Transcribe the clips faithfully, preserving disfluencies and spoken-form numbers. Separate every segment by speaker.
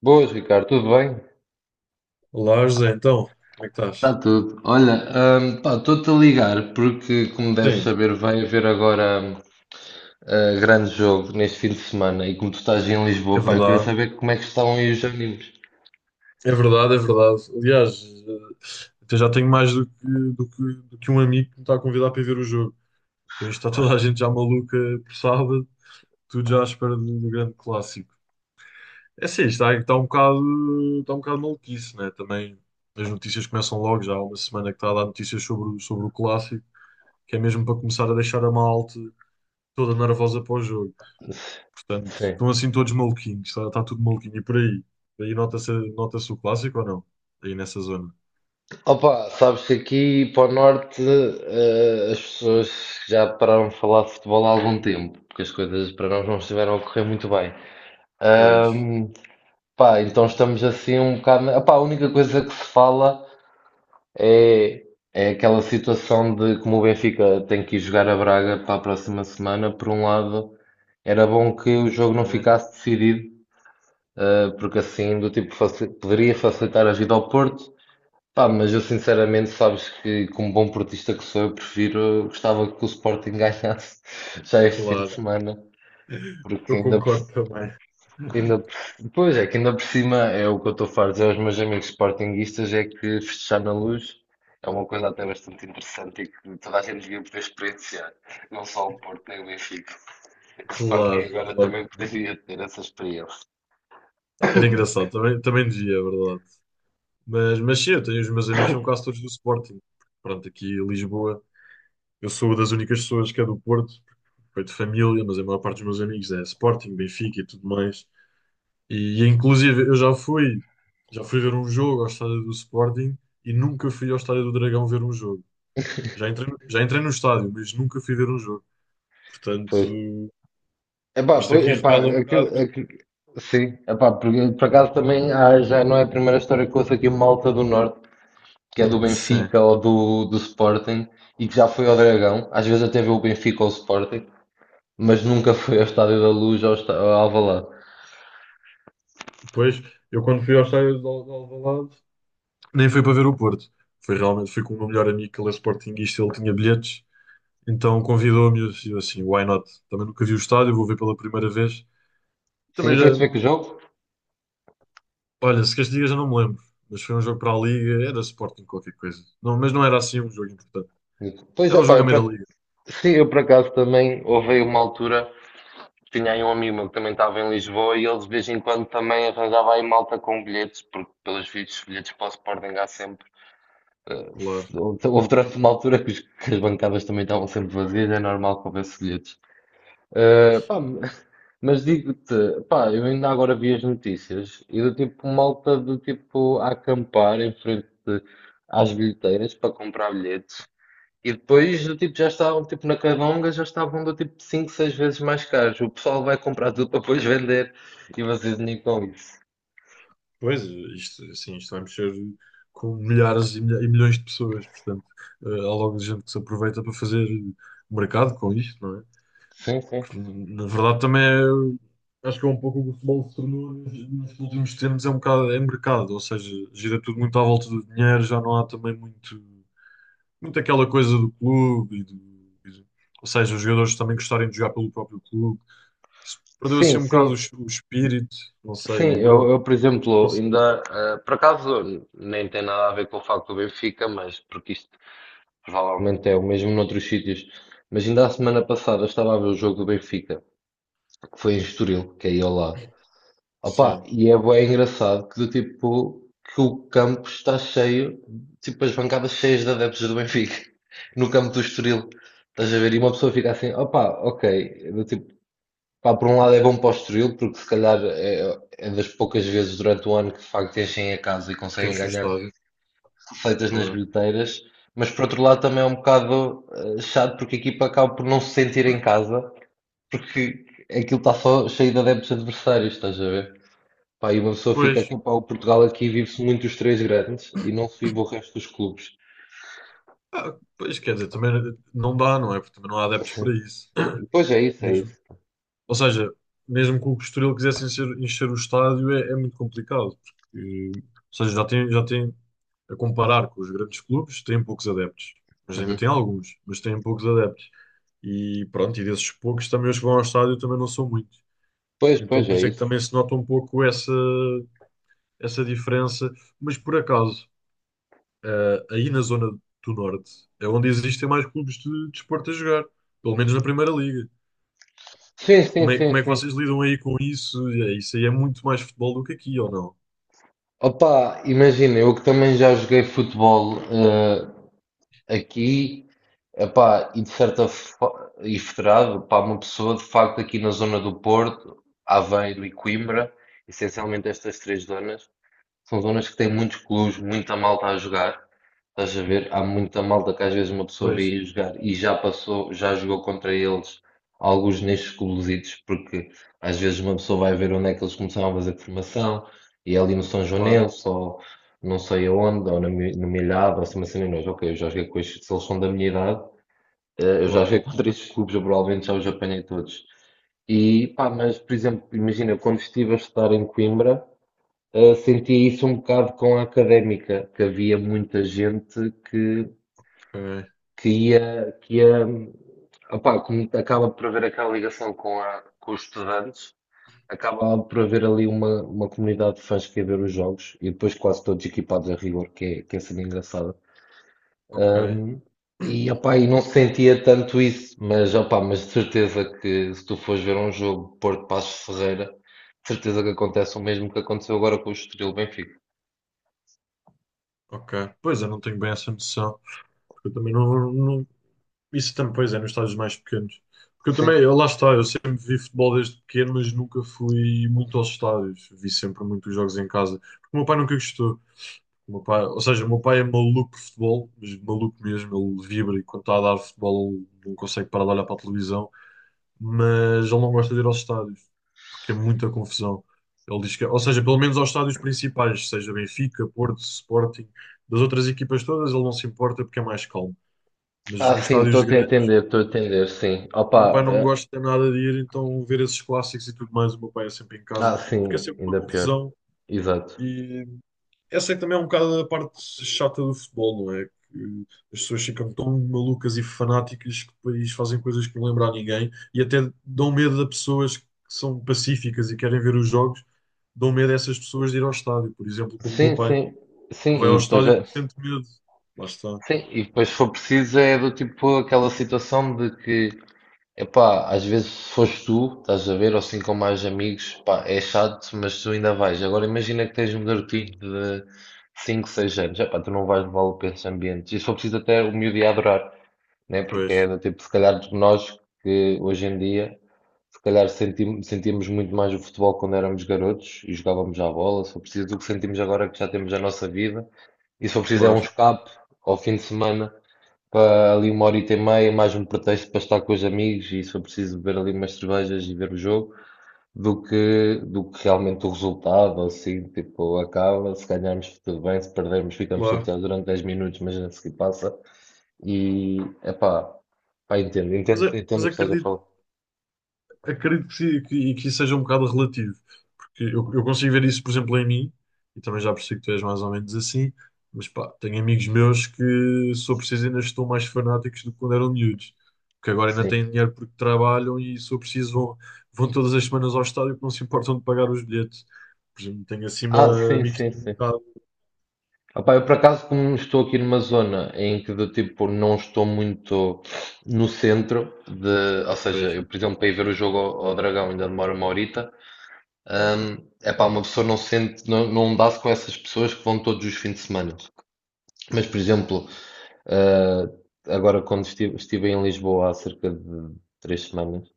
Speaker 1: Boas, Ricardo, tudo bem?
Speaker 2: Olá, José, então, como é que
Speaker 1: Está
Speaker 2: estás?
Speaker 1: tudo. Olha, hum, pá, estou-te a ligar porque, como deves
Speaker 2: Sim,
Speaker 1: saber, vai haver agora hum, eh, grande jogo neste fim de semana e como tu estás em Lisboa,
Speaker 2: é
Speaker 1: pá, eu queria
Speaker 2: verdade,
Speaker 1: saber como é que estão aí os ânimos.
Speaker 2: é verdade, é verdade. Aliás, eh, até já tenho mais do que, do que, do que um amigo que me está a convidar para ir ver o jogo. Então, isto está toda a
Speaker 1: Gosto-
Speaker 2: gente já maluca por sábado, tudo já à espera do, do grande clássico. É sim, está, está um bocado, está um bocado maluquice, né? Também as notícias começam logo, já há uma semana que está a dar notícias sobre, o- sobre o clássico, que é mesmo para começar a deixar a malta toda nervosa para o jogo. Portanto,
Speaker 1: Sim.
Speaker 2: estão assim todos maluquinhos, está, está tudo maluquinho. E por aí? Aí nota-se nota-se o clássico ou não? Aí nessa zona.
Speaker 1: Opa, sabes que aqui para o norte eh, as pessoas já pararam de falar de futebol há algum tempo, porque as coisas para nós não estiveram a correr muito bem.
Speaker 2: Pois,
Speaker 1: Ahm, pá, então estamos assim um bocado. Opá, a única coisa que se fala É, é aquela situação de como o Benfica tem que ir jogar a Braga para a próxima semana. Por um lado, era bom que o jogo não
Speaker 2: é,
Speaker 1: ficasse decidido, eh, porque assim do tipo faci- poderia facilitar a vida ao Porto. Pá, mas eu sinceramente, sabes que como bom portista que sou, eu prefiro, gostava que o Sporting ganhasse já este fim de
Speaker 2: claro,
Speaker 1: semana, porque
Speaker 2: eu
Speaker 1: ainda
Speaker 2: concordo também.
Speaker 1: Ainda, por- pois é, que ainda por cima é o que eu estou farto de dizer aos meus amigos sportinguistas, é que festejar na Luz é uma coisa até bastante interessante e que toda a gente devia poder experienciar, não só o Porto nem o Benfica. O Sporting
Speaker 2: Claro,
Speaker 1: agora
Speaker 2: claro.
Speaker 1: também poderia ter essa experiência.
Speaker 2: Era engraçado, também, também dizia, é verdade. Mas, mas sim, eu tenho os meus amigos, são quase todos do Sporting. Pronto, aqui em Lisboa, eu sou uma das únicas pessoas que é do Porto, foi de família, mas a maior parte dos meus amigos é Sporting, Benfica e tudo mais. E, e, inclusive eu já fui, já fui ver um jogo ao estádio do Sporting e nunca fui ao estádio do Dragão ver um jogo. Já entrei, no- já entrei no estádio, mas nunca fui ver um jogo. Portanto,
Speaker 1: Pois. Epá,
Speaker 2: isto
Speaker 1: pois,
Speaker 2: aqui
Speaker 1: epá,
Speaker 2: revela um
Speaker 1: acre-
Speaker 2: bocado. Que-
Speaker 1: acre- sim, epá, por, por acaso também há- já não é a primeira história que ouço aqui, uma malta do Norte que é do
Speaker 2: Sim.
Speaker 1: Benfica ou do, do Sporting, e que já foi ao Dragão, às vezes até vê o Benfica ou o Sporting, mas nunca foi ao Estádio da Luz ou ao, Está- ao Alvalade.
Speaker 2: Depois, eu quando fui ao estádio de Al- de Alvalade, nem foi para ver o Porto. Foi realmente, fui com o meu melhor amigo, que ele é sportinguista, ele tinha bilhetes. Então convidou-me e eu disse assim, why not? Também nunca vi o estádio, vou ver pela primeira vez. Também
Speaker 1: Sim,
Speaker 2: já,
Speaker 1: foi-se ver que o jogo?
Speaker 2: olha, se queres que diga, já não me lembro. Mas foi um jogo para a Liga, era Sporting qualquer coisa. Não, mas não era assim um jogo importante.
Speaker 1: Pois,
Speaker 2: Era um
Speaker 1: opá,
Speaker 2: jogo a
Speaker 1: eu por
Speaker 2: meio da
Speaker 1: ac-
Speaker 2: Liga,
Speaker 1: sim, eu por acaso também houve aí uma altura, tinha aí um amigo meu que também estava em Lisboa e ele de vez em quando também arranjava aí malta com bilhetes, porque pelos vistos, bilhetes para o Sporting há sempre. Eh,
Speaker 2: claro.
Speaker 1: se- Houve houve durante uma altura que os- que as bancadas também estavam sempre vazias, é normal que houvesse bilhetes. Eh, pá, Mas digo-te, pá, eu ainda agora vi as notícias e do tipo malta do tipo a acampar em frente às bilheteiras para comprar bilhetes e depois do tipo já estavam tipo na Candonga, já estavam do tipo cinco seis vezes mais caros. O pessoal vai comprar tudo para depois vender e vocês nem com isso.
Speaker 2: Pois, isto, assim, isto vai mexer com milhares e, milha- e milhões de pessoas. Portanto, eh, há logo gente que se aproveita para fazer mercado com isto, não é?
Speaker 1: Sim, sim.
Speaker 2: Que, na verdade, também é, acho que é um pouco o que o futebol se tornou nos, nos últimos tempos. É um bocado, é mercado, ou seja, gira tudo muito à volta do dinheiro, já não há também muito. Muito aquela coisa do clube e do, e do- ou seja, os jogadores também gostarem de jogar pelo próprio clube. Isso perdeu assim
Speaker 1: Sim,
Speaker 2: um
Speaker 1: sim,
Speaker 2: bocado o, es- o espírito, não sei,
Speaker 1: sim.
Speaker 2: digo
Speaker 1: Eu,
Speaker 2: eu.
Speaker 1: eu, por
Speaker 2: Pelo menos é que eu
Speaker 1: exemplo,
Speaker 2: sinto.
Speaker 1: ainda, eh, por acaso, nem tem nada a ver com o facto do Benfica, mas porque isto provavelmente é o mesmo noutros sítios. Mas ainda a semana passada estava a ver o jogo do Benfica, que foi em Estoril, que é aí ao lado. Opa,
Speaker 2: Sim,
Speaker 1: e é bué engraçado que do tipo que o campo está cheio, tipo as bancadas cheias de adeptos do Benfica, no campo do Estoril. Estás a ver? E uma pessoa fica assim, opa, ok, do tipo, pá, por um lado é bom para o Estoril, porque se calhar é, é das poucas vezes durante o ano que de facto enchem a casa e
Speaker 2: que
Speaker 1: conseguem
Speaker 2: enche o
Speaker 1: ganhar
Speaker 2: estádio,
Speaker 1: feitas nas
Speaker 2: claro.
Speaker 1: bilheteiras, mas por outro lado também é um bocado eh, chato, porque a equipa acaba por não se sentir em casa, porque aquilo está só cheio de adeptos adversários, estás a ver? Pá, e uma pessoa fica
Speaker 2: Pois,
Speaker 1: aqui, pá, o Portugal aqui vive-se muito os três grandes e não se vive o resto dos clubes.
Speaker 2: ah, pois quer dizer, também não dá, não é? Porque também não há adeptos
Speaker 1: Sim.
Speaker 2: para isso.
Speaker 1: Pois é isso, é
Speaker 2: Mesmo,
Speaker 1: isso.
Speaker 2: ou seja, mesmo que o Estoril quisesse encher, encher o estádio, é, é muito complicado. Porque, ou seja, já tem, já tem, a comparar com os grandes clubes, tem poucos adeptos. Mas ainda
Speaker 1: Uhum.
Speaker 2: tem alguns, mas tem poucos adeptos. E pronto, e desses poucos também os que vão ao estádio também não são muitos.
Speaker 1: Pois,
Speaker 2: Então
Speaker 1: pois
Speaker 2: por
Speaker 1: é
Speaker 2: isso é que
Speaker 1: isso.
Speaker 2: também se nota um pouco essa, essa diferença. Mas por acaso, eh, aí na zona do Norte é onde existem mais clubes de desporto a jogar, pelo menos na Primeira Liga.
Speaker 1: Sim, sim,
Speaker 2: Como é,
Speaker 1: sim,
Speaker 2: como é que
Speaker 1: sim.
Speaker 2: vocês lidam aí com isso? É, isso aí é muito mais futebol do que aqui, ou não?
Speaker 1: Opa, imagina, eu que também já joguei futebol, eh, aqui, epá, e de certa forma, e federado, pá, uma pessoa de facto aqui na zona do Porto, Aveiro e Coimbra, essencialmente estas três zonas, são zonas que têm muitos clubes, muita malta a jogar. Estás a ver? Há muita malta que às vezes uma pessoa
Speaker 2: Pois,
Speaker 1: vê ir jogar e já passou, já jogou contra eles, alguns nestes clubesitos, porque às vezes uma pessoa vai ver onde é que eles começaram a fazer formação, e é ali no São
Speaker 2: claro,
Speaker 1: Joanense, ou não sei aonde, ou na, Mi- no Milhado, ou se uma cena, e nós, ok, eu já joguei com estes, se eles são da minha idade, eh, eu já
Speaker 2: claro.
Speaker 1: joguei contra estes clubes, eu provavelmente já os apanhei todos. E pá, mas por exemplo, imagina, quando estive a estudar em Coimbra, Uh, senti isso um bocado com a Académica, que havia muita gente que,
Speaker 2: Ok,
Speaker 1: que ia, que ia, opá, como acaba por haver aquela ligação com, a, com os estudantes, acaba por haver ali uma, uma comunidade de fãs que ia ver os jogos e depois quase todos equipados a rigor, que é, que é sendo engraçada.
Speaker 2: ok,
Speaker 1: Um, e, opá, e não sentia tanto isso, mas, opá, mas de certeza que se tu fores ver um jogo Porto Paços de Ferreira, de certeza que acontece o mesmo que aconteceu agora com o Estoril Benfica.
Speaker 2: ok. Pois eu não tenho bem essa noção, porque eu também não, não, isso também, pois é, nos estádios mais pequenos. Porque eu
Speaker 1: Sim.
Speaker 2: também, eu- lá está, eu sempre vi futebol desde pequeno, mas nunca fui muito aos estádios. Vi sempre muitos jogos em casa. Porque o meu pai nunca gostou. O meu pai, ou seja, o meu pai é maluco por futebol, mas maluco mesmo, ele vibra e quando está a dar futebol ele não consegue parar de olhar para a televisão, mas ele não gosta de ir aos estádios, porque é muita confusão. Ele diz que, ou seja, pelo menos aos estádios principais, seja Benfica, Porto, Sporting, das outras equipas todas, ele não se importa porque é mais calmo. Mas
Speaker 1: Ah,
Speaker 2: nos
Speaker 1: sim,
Speaker 2: estádios
Speaker 1: estou-te a
Speaker 2: grandes.
Speaker 1: entender, estou a entender, sim.
Speaker 2: O
Speaker 1: Opa,
Speaker 2: meu pai não
Speaker 1: eh,
Speaker 2: gosta nada de ir, então ver esses clássicos e tudo mais, o meu pai é sempre em casa,
Speaker 1: ah,
Speaker 2: porque é
Speaker 1: sim,
Speaker 2: sempre uma
Speaker 1: ainda pior.
Speaker 2: confusão.
Speaker 1: Exato.
Speaker 2: E essa é que também é um bocado a parte chata do futebol, não é? Que as pessoas ficam tão malucas e fanáticas que depois fazem coisas que não lembram a ninguém e até dão medo a pessoas que são pacíficas e querem ver os jogos, dão medo a essas pessoas de ir ao estádio, por exemplo, como o meu
Speaker 1: Sim,
Speaker 2: pai.
Speaker 1: sim, sim,
Speaker 2: Não vai ao
Speaker 1: e depois,
Speaker 2: estádio
Speaker 1: é-
Speaker 2: porque sente medo. Lá está.
Speaker 1: sim, e depois se for preciso é do tipo aquela situação de que, epá, às vezes se fores tu, estás a ver, ou assim com mais amigos, pá, é chato, mas tu ainda vais. Agora imagina que tens um garotinho de cinco, seis anos, epá, tu não vais levá-lo para esses ambientes. E se for preciso até o miúdo ia adorar, né? Porque
Speaker 2: Pois,
Speaker 1: é do tipo, se calhar nós que hoje em dia, se calhar senti- sentíamos muito mais o futebol quando éramos garotos e jogávamos à bola. Se for preciso, do que sentimos agora que já temos a nossa vida. E se for preciso, é um
Speaker 2: claro,
Speaker 1: escape ao fim de semana para ali uma horita e meia, mais um pretexto para estar com os amigos. E se for preciso, beber ali umas cervejas e ver o jogo, do que, do que realmente o resultado. Assim, tipo, acaba. Se ganharmos, tudo bem. Se perdermos, ficamos
Speaker 2: claro.
Speaker 1: chateados durante dez minutos, mas a seguir passa. E, epá, pá, entendo,
Speaker 2: Mas,
Speaker 1: entendo,
Speaker 2: é-
Speaker 1: entendo
Speaker 2: mas
Speaker 1: o que estás a
Speaker 2: acredito.
Speaker 1: falar.
Speaker 2: Acredito que, sim, que, que isso seja um bocado relativo, porque eu, eu consigo ver isso, por exemplo, em mim, e também já percebi que tu és mais ou menos assim, mas pá, tenho amigos meus que, se eu preciso, ainda estão mais fanáticos do que quando eram miúdos, que agora ainda
Speaker 1: Sim.
Speaker 2: têm dinheiro porque trabalham e, se eu preciso, vão, vão todas as semanas ao estádio porque não se importam de pagar os bilhetes. Por exemplo, tenho assim
Speaker 1: Ah,
Speaker 2: uma,
Speaker 1: sim,
Speaker 2: amigos que
Speaker 1: sim,
Speaker 2: têm um
Speaker 1: sim.
Speaker 2: bocado.
Speaker 1: Opá, eu por acaso, como estou aqui numa zona em que do tipo não estou muito no centro de, ou seja,
Speaker 2: Pois,
Speaker 1: eu por exemplo para ir ver o jogo ao, ao Dragão ainda demora uma horita, é pá, uma pessoa não se sente, não, não dá-se com essas pessoas que vão todos os fins de semana. Mas por exemplo, ah, agora quando estive, estive em Lisboa há cerca de três semanas,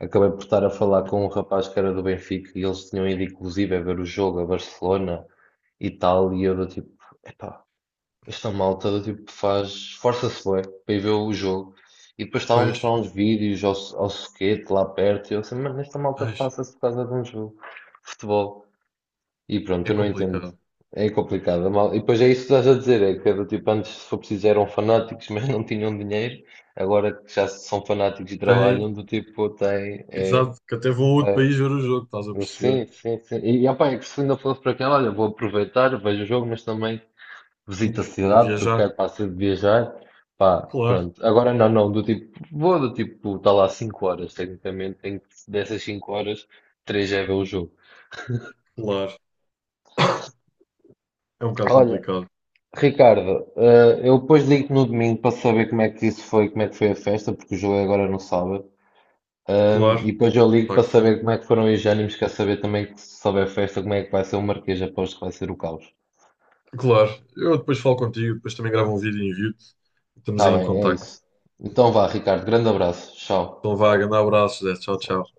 Speaker 1: acabei por estar a falar com um rapaz que era do Benfica e eles tinham ido inclusive a ver o jogo a Barcelona e tal, e eu do tipo, epá, esta malta do tipo faz, força-se bué para ir ver o jogo. E depois estava a mostrar
Speaker 2: pois,
Speaker 1: uns vídeos ao, ao Suquete lá perto. E eu assim, mas esta malta
Speaker 2: ai,
Speaker 1: passa-se por causa de um jogo de futebol. E pronto,
Speaker 2: é
Speaker 1: eu não entendo.
Speaker 2: complicado.
Speaker 1: É complicado. a mal- E depois é isso que estás a dizer, é que é do tipo, antes se for preciso eram fanáticos, mas não tinham dinheiro. Agora que já são fanáticos e
Speaker 2: Tem,
Speaker 1: trabalham, do tipo, tem, é,
Speaker 2: exato, que até vão a outro
Speaker 1: é,
Speaker 2: país ver o jogo, estás a perceber?
Speaker 1: sim, sim, sim. E, opa, é que se ainda fosse para aquela, olha, vou aproveitar, vejo o jogo, mas também visito a
Speaker 2: Vou
Speaker 1: cidade porque
Speaker 2: viajar,
Speaker 1: quero, pá, sempre viajar. Pá,
Speaker 2: claro.
Speaker 1: pronto. Agora não, não, do tipo, vou do tipo, está lá cinco horas, tecnicamente, tenho que, dessas cinco horas, três é ver o jogo.
Speaker 2: Claro. É um bocado
Speaker 1: Olha,
Speaker 2: complicado.
Speaker 1: Ricardo, eh, eu depois ligo-te no domingo para saber como é que isso foi, como é que foi a festa, porque o jogo é agora no sábado. Ahm, e
Speaker 2: Claro,
Speaker 1: depois eu ligo
Speaker 2: claro
Speaker 1: para
Speaker 2: que sim.
Speaker 1: saber como é que foram os ânimos, quer saber também que, se souber a festa, como é que vai ser o Marquês, aposto que vai ser o caos.
Speaker 2: Claro. Eu depois falo contigo, depois também gravo um vídeo e envio-te. Estamos
Speaker 1: Está
Speaker 2: em
Speaker 1: bem, é
Speaker 2: contacto.
Speaker 1: isso. Então vá, Ricardo, grande abraço. Tchau.
Speaker 2: Então vá, grande abraço, Zé. Tchau, tchau.